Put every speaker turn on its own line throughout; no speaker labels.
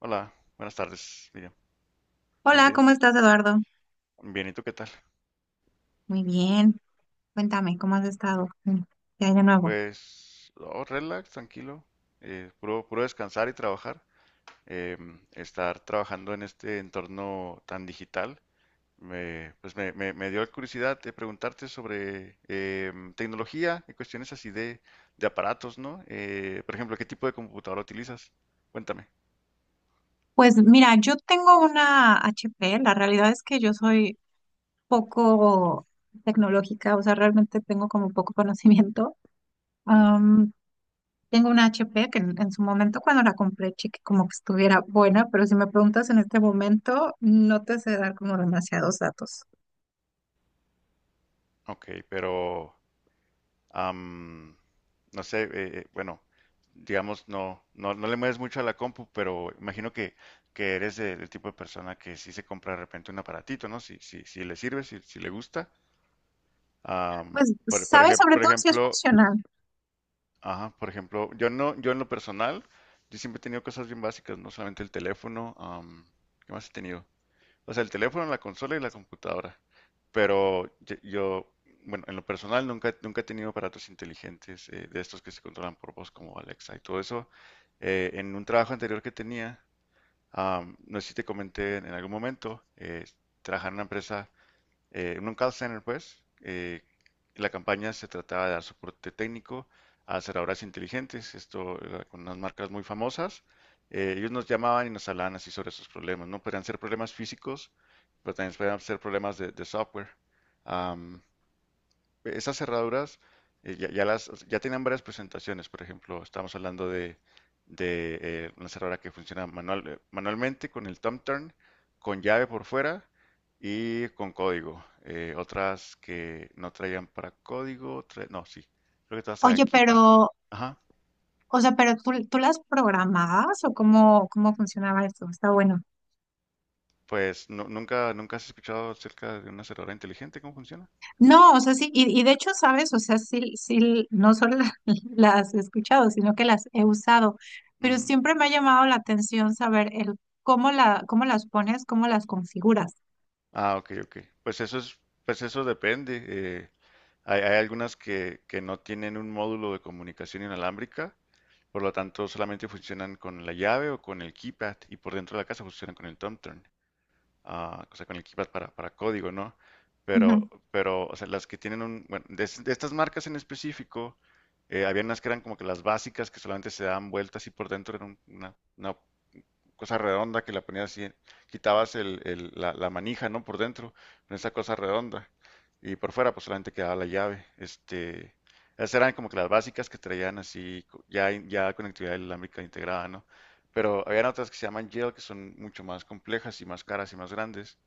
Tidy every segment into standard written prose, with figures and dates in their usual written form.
Hola, buenas tardes, Miriam. Buenos
Hola, ¿cómo
días.
estás, Eduardo?
Bien, ¿y tú qué tal?
Muy bien. Cuéntame, ¿cómo has estado? ¿Qué hay de nuevo?
Pues, oh, relax, tranquilo. Puro descansar y trabajar. Estar trabajando en este entorno tan digital, me, pues me dio la curiosidad de preguntarte sobre tecnología y cuestiones así de aparatos, ¿no? Por ejemplo, ¿qué tipo de computadora utilizas? Cuéntame.
Pues mira, yo tengo una HP. La realidad es que yo soy poco tecnológica, o sea, realmente tengo como poco conocimiento.
Ujú.
Am, tengo una HP que en su momento cuando la compré, chequé como que estuviera buena, pero si me preguntas en este momento, no te sé dar como demasiados datos.
Ok, pero am, no sé, bueno, digamos, no le mueves mucho a la compu, pero imagino que eres del tipo de persona que sí se compra de repente un aparatito, ¿no? Si le sirve, si le gusta. Am,
Pues, ¿sabes? Sobre
por
todo si es
ejemplo,
funcional.
ajá, por ejemplo, yo no, yo en lo personal, yo siempre he tenido cosas bien básicas, no solamente el teléfono, ¿qué más he tenido? O sea, el teléfono, la consola y la computadora. Pero yo, yo, bueno, en lo personal nunca he tenido aparatos inteligentes de estos que se controlan por voz como Alexa y todo eso. En un trabajo anterior que tenía, no sé si te comenté en algún momento, trabajaba en una empresa en un call center, pues, la campaña se trataba de dar soporte técnico a cerraduras inteligentes, esto era con unas marcas muy famosas. Ellos nos llamaban y nos hablaban así sobre sus problemas, ¿no? Podían ser problemas físicos, pero también podían ser problemas de software. Am, Esas cerraduras ya tenían varias presentaciones, por ejemplo, estamos hablando de, una cerradura que funciona manual, manualmente con el thumb turn, con llave por fuera y con código. Otras que no traían para código, tra- no, sí, creo que todas traían
Oye,
keypad.
pero
Ajá,
o sea, pero tú las programabas o cómo, ¿cómo funcionaba esto? Está bueno.
nunca, nunca has escuchado acerca de una cerradura inteligente, ¿cómo funciona?
No, o sea, sí, y de hecho, sabes, o sea, sí, sí, no solo la- las he escuchado, sino que las he usado, pero
Ujú.
siempre me ha llamado la atención saber el cómo la, cómo las pones, cómo las configuras.
Ah, ok, ok. Pues eso es, pues eso depende. Hay, hay algunas que no tienen un módulo de comunicación inalámbrica, por lo tanto solamente funcionan con la llave o con el keypad y por dentro de la casa funcionan con el TomTurn, ah, o sea, con el keypad para código, ¿no?
Ujú.
O sea, las que tienen un, bueno, de estas marcas en específico, había unas que eran como que las básicas que solamente se daban vueltas y por dentro era una cosa redonda que la ponías así, quitabas la manija, ¿no? Por dentro, con esa cosa redonda. Y por fuera, pues solamente quedaba la llave. Este, esas eran como que las básicas que traían así, ya conectividad inalámbrica integrada, ¿no? Pero habían otras que se llaman Yale, que son mucho más complejas y más caras y más grandes.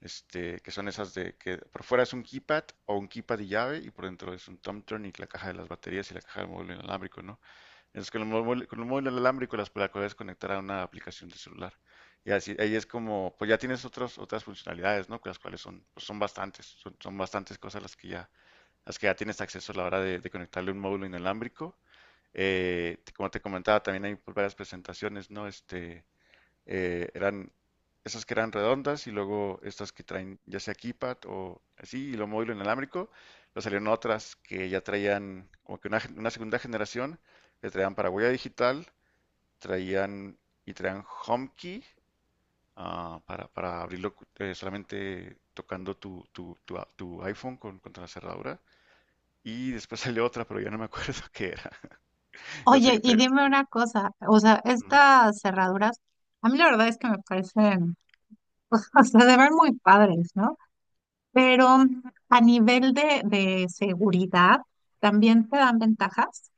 Este, que son esas de que por fuera es un keypad o un keypad y llave, y por dentro es un tom turn y la caja de las baterías y la caja del módulo inalámbrico, ¿no? Es con el móvil inalámbrico la puedes conectar a una aplicación de celular. Y así, ahí es como, pues ya tienes otras funcionalidades, ¿no? Que las cuales son, pues son bastantes, son bastantes cosas las que ya tienes acceso a la hora de conectarle un módulo inalámbrico. Como te comentaba, también hay pues, varias presentaciones, ¿no? Este, eran esas que eran redondas y luego estas que traen ya sea keypad o así y lo móvil inalámbrico. Luego salieron otras que ya traían como que una segunda generación, le traían para huella digital, traían traían HomeKey ah, para abrirlo solamente tocando tu iPhone con, contra la cerradura. Y después salió otra, pero ya no me acuerdo qué era. Yo sé
Oye,
que
y
te...
dime una cosa, o sea, estas cerraduras, a mí la verdad es que me parecen, o sea, se ven muy padres, ¿no? Pero a nivel de seguridad, ¿también te dan ventajas?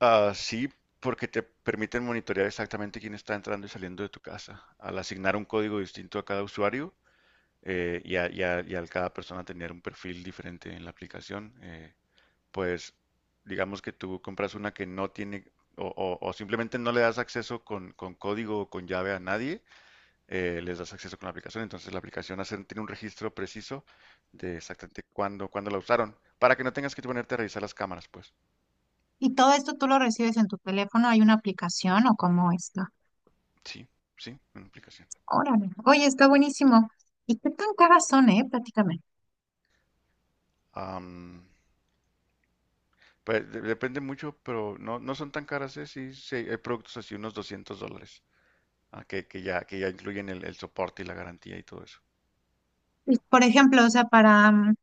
Ah, sí, porque te permiten monitorear exactamente quién está entrando y saliendo de tu casa. Al asignar un código distinto a cada usuario y al cada persona tener un perfil diferente en la aplicación, pues digamos que tú compras una que no tiene o simplemente no le das acceso con código o con llave a nadie, les das acceso con la aplicación. Entonces tiene un registro preciso de exactamente cuándo la usaron, para que no tengas que ponerte a revisar las cámaras, pues.
¿Y todo esto tú lo recibes en tu teléfono? ¿Hay una aplicación o cómo está?
Sí, sí, una aplicación.
Órale. Oye, está buenísimo. ¿Y qué tan caras son, eh? Prácticamente.
Am, pues depende mucho, pero no, no son tan caras, ¿eh? Sí, sí, hay productos así, unos 200 dólares, ah, que ya incluyen el soporte y la garantía y todo eso.
Por ejemplo, o sea, para,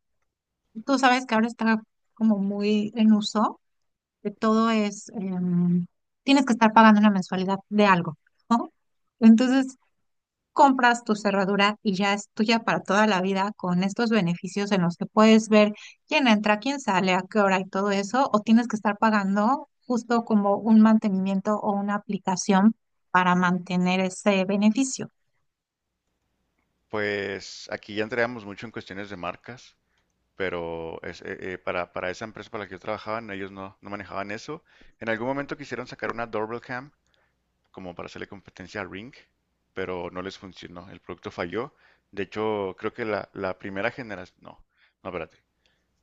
tú sabes que ahora está como muy en uso, que
Ujú.
todo es, tienes que estar pagando una mensualidad de algo, ¿no? Entonces, compras tu cerradura y ya es tuya para toda la vida con estos beneficios en los que puedes ver quién entra, quién sale, a qué hora y todo eso, o tienes que estar pagando justo como un mantenimiento o una aplicación para mantener ese beneficio.
Pues aquí ya entramos mucho en cuestiones de marcas, pero es, para esa empresa para la que yo trabajaba, no, ellos no, no manejaban eso. En algún momento quisieron sacar una doorbell cam como para hacerle competencia a Ring, pero no les funcionó, el producto falló. De hecho, creo que la primera generación, no, no, espérate.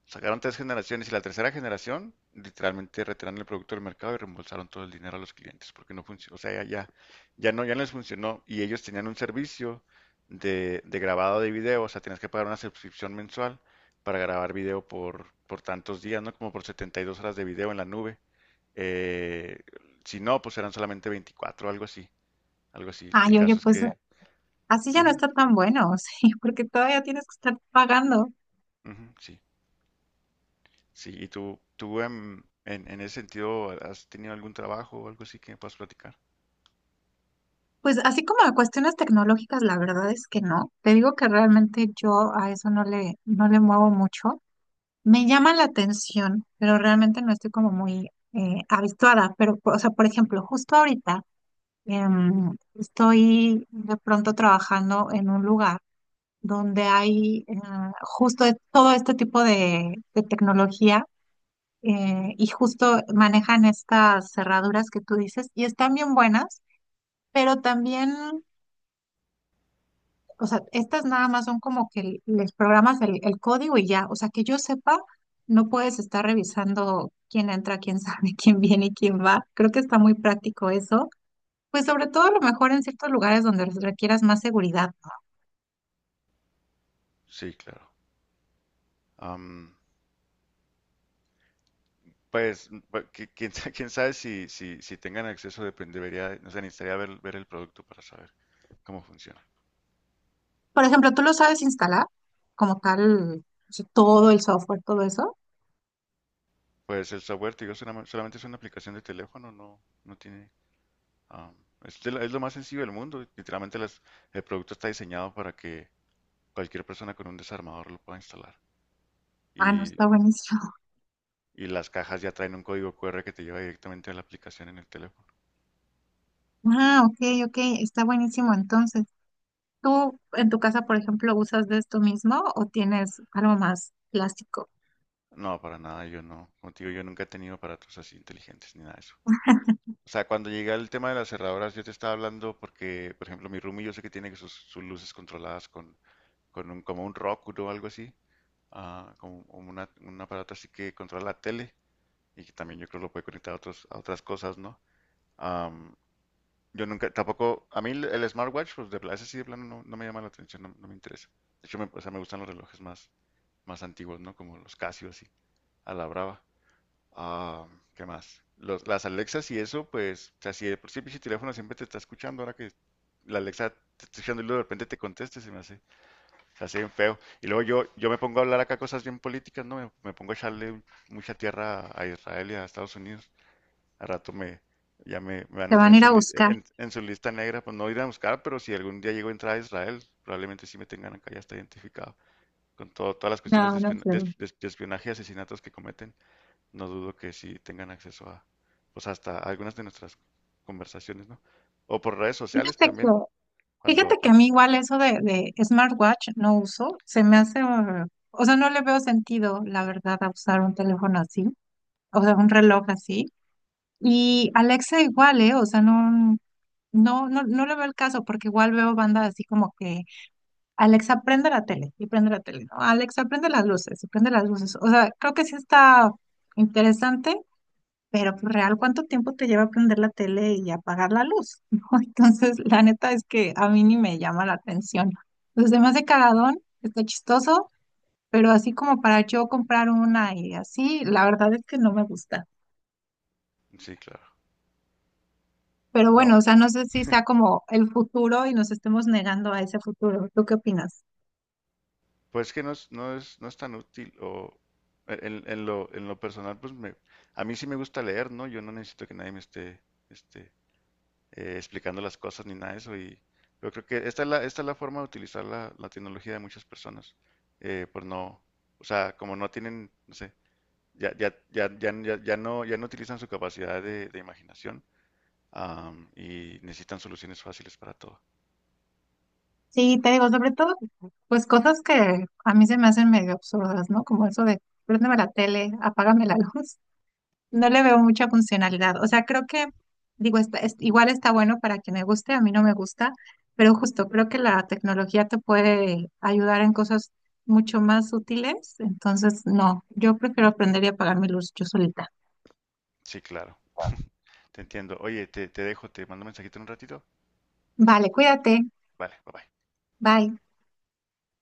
Sacaron tres generaciones y la tercera generación literalmente retiraron el producto del mercado y reembolsaron todo el dinero a los clientes porque no funcionó, o sea, ya no, ya no les funcionó y ellos tenían un servicio de grabado de video, o sea, tenías que pagar una suscripción mensual para grabar video por tantos días, ¿no? Como por 72 horas de video en la nube. Eh, si no, pues eran solamente 24, algo así, algo así. El
Ay, oye,
caso es
pues
que,
así ya no
ujú,
está tan bueno, sí, porque todavía tienes que estar pagando.
ujú, sí. Sí, y tú en ese sentido, ¿has tenido algún trabajo o algo así que me puedas platicar?
Pues así como a cuestiones tecnológicas, la verdad es que no. Te digo que realmente yo a eso no le muevo mucho. Me llama la atención, pero realmente no estoy como muy habituada. Pero, o sea, por ejemplo, justo ahorita estoy de pronto trabajando en un lugar donde hay justo de todo este tipo de tecnología y justo manejan estas cerraduras que tú dices y están bien buenas, pero también o sea, estas nada más son como que les programas el código y ya. O sea, que yo sepa, no puedes estar revisando quién entra, quién sale, quién viene y quién va. Creo que está muy práctico eso. Pues sobre todo a lo mejor en ciertos lugares donde requieras más seguridad, ¿no?
Sí, claro. Am, pues, quién sabe si, si tengan acceso, debería, no sé, necesitaría ver, ver el producto para saber cómo funciona.
Por ejemplo, ¿tú lo sabes instalar como tal, o sea, todo el software, todo eso?
Pues el software, te digo, solamente es una aplicación de teléfono, no, no tiene... am, es, es lo más sencillo del mundo. El producto está diseñado para que cualquier persona con un desarmador lo pueda instalar.
Ah, no,
Y,
está buenísimo.
y las cajas ya traen un código QR que te lleva directamente a la aplicación en el teléfono.
Ah, ok, ok, está buenísimo. Entonces, ¿tú en tu casa, por ejemplo, usas de esto mismo o tienes algo más plástico?
No, para nada, yo no. Contigo yo nunca he tenido aparatos así inteligentes ni nada de eso. O sea, cuando llegué al tema de las cerraduras, yo te estaba hablando porque, por ejemplo, mi roomie yo sé que tiene sus luces controladas con un, como un Roku o algo así, ah, como un aparato así que controla la tele y que también yo creo lo puede conectar a otros, a otras cosas, ¿no? Am, yo nunca, tampoco, a mí el smartwatch, pues ese sí de plano no, no me llama la atención, no, no me interesa. De hecho, o sea, me gustan los relojes más antiguos, ¿no? Como los Casio así, a la brava. Ah, ¿qué más? Las Alexas y eso, pues, o sea, si de por sí el pinche teléfono siempre te está escuchando, ahora que la Alexa te está escuchando y luego de repente te conteste, se hace bien feo. Y luego yo me pongo a hablar acá cosas bien políticas, ¿no? Me pongo a echarle un- mucha tierra a Israel y a Estados Unidos. Al rato me van
Te
a tener
van
en
a ir a buscar.
en su lista negra, pues no ir a buscar, pero si algún día llego a entrar a Israel, probablemente sí me tengan acá, ya está identificado, con todo, todas las cuestiones
No, no creo.
de espionaje y asesinatos que cometen no dudo que sí tengan acceso a, pues hasta algunas de nuestras conversaciones, ¿no? O por redes sociales
Fíjate que,
también, cuando,
fíjate que a
cuan-
mí igual eso de smartwatch no uso, se me hace, o sea, no le veo sentido, la verdad, a usar un teléfono así, o sea, un reloj así. Y Alexa igual, ¿eh? O sea, no, no, no le veo el caso porque igual veo bandas así como que Alexa prende la tele y prende la tele, ¿no? Alexa prende las luces y prende las luces. O sea, creo que sí está interesante. Pero pues, real, ¿cuánto tiempo te lleva prender la tele y apagar la luz? ¿No? Entonces, la neta es que a mí ni me llama la atención. Entonces, me hace cagadón, está chistoso, pero así como para yo comprar una y así, la verdad es que no me gusta.
sí, claro.
Pero
Pues,
bueno, o
no,
sea, no sé si sea como el futuro y nos estemos negando a ese futuro. ¿Tú qué opinas?
pues que no es, no es tan útil o en lo personal, pues me, a mí sí me gusta leer, ¿no? Yo no necesito que nadie me esté, este, explicando las cosas ni nada de eso y yo creo que esta es esta es la forma de utilizar la tecnología de muchas personas, por no, o sea, como no tienen, no sé, ya no, ya no utilizan su capacidad de imaginación, am, y necesitan soluciones fáciles para todo.
Sí, te digo, sobre todo, pues cosas que a mí se me hacen medio absurdas, ¿no? Como eso de préndeme la tele, apágame la luz. No le veo mucha funcionalidad. O sea, creo que, digo, está, es- igual está bueno para quien le guste, a mí no me gusta, pero justo creo que la tecnología te puede ayudar en cosas mucho más útiles. Entonces, no, yo prefiero aprender y apagar mi luz yo solita.
Sí, claro. Te entiendo. Oye, te dejo, te mando un mensajito en un ratito.
Vale, cuídate.
Vale, bye bye.
Bye.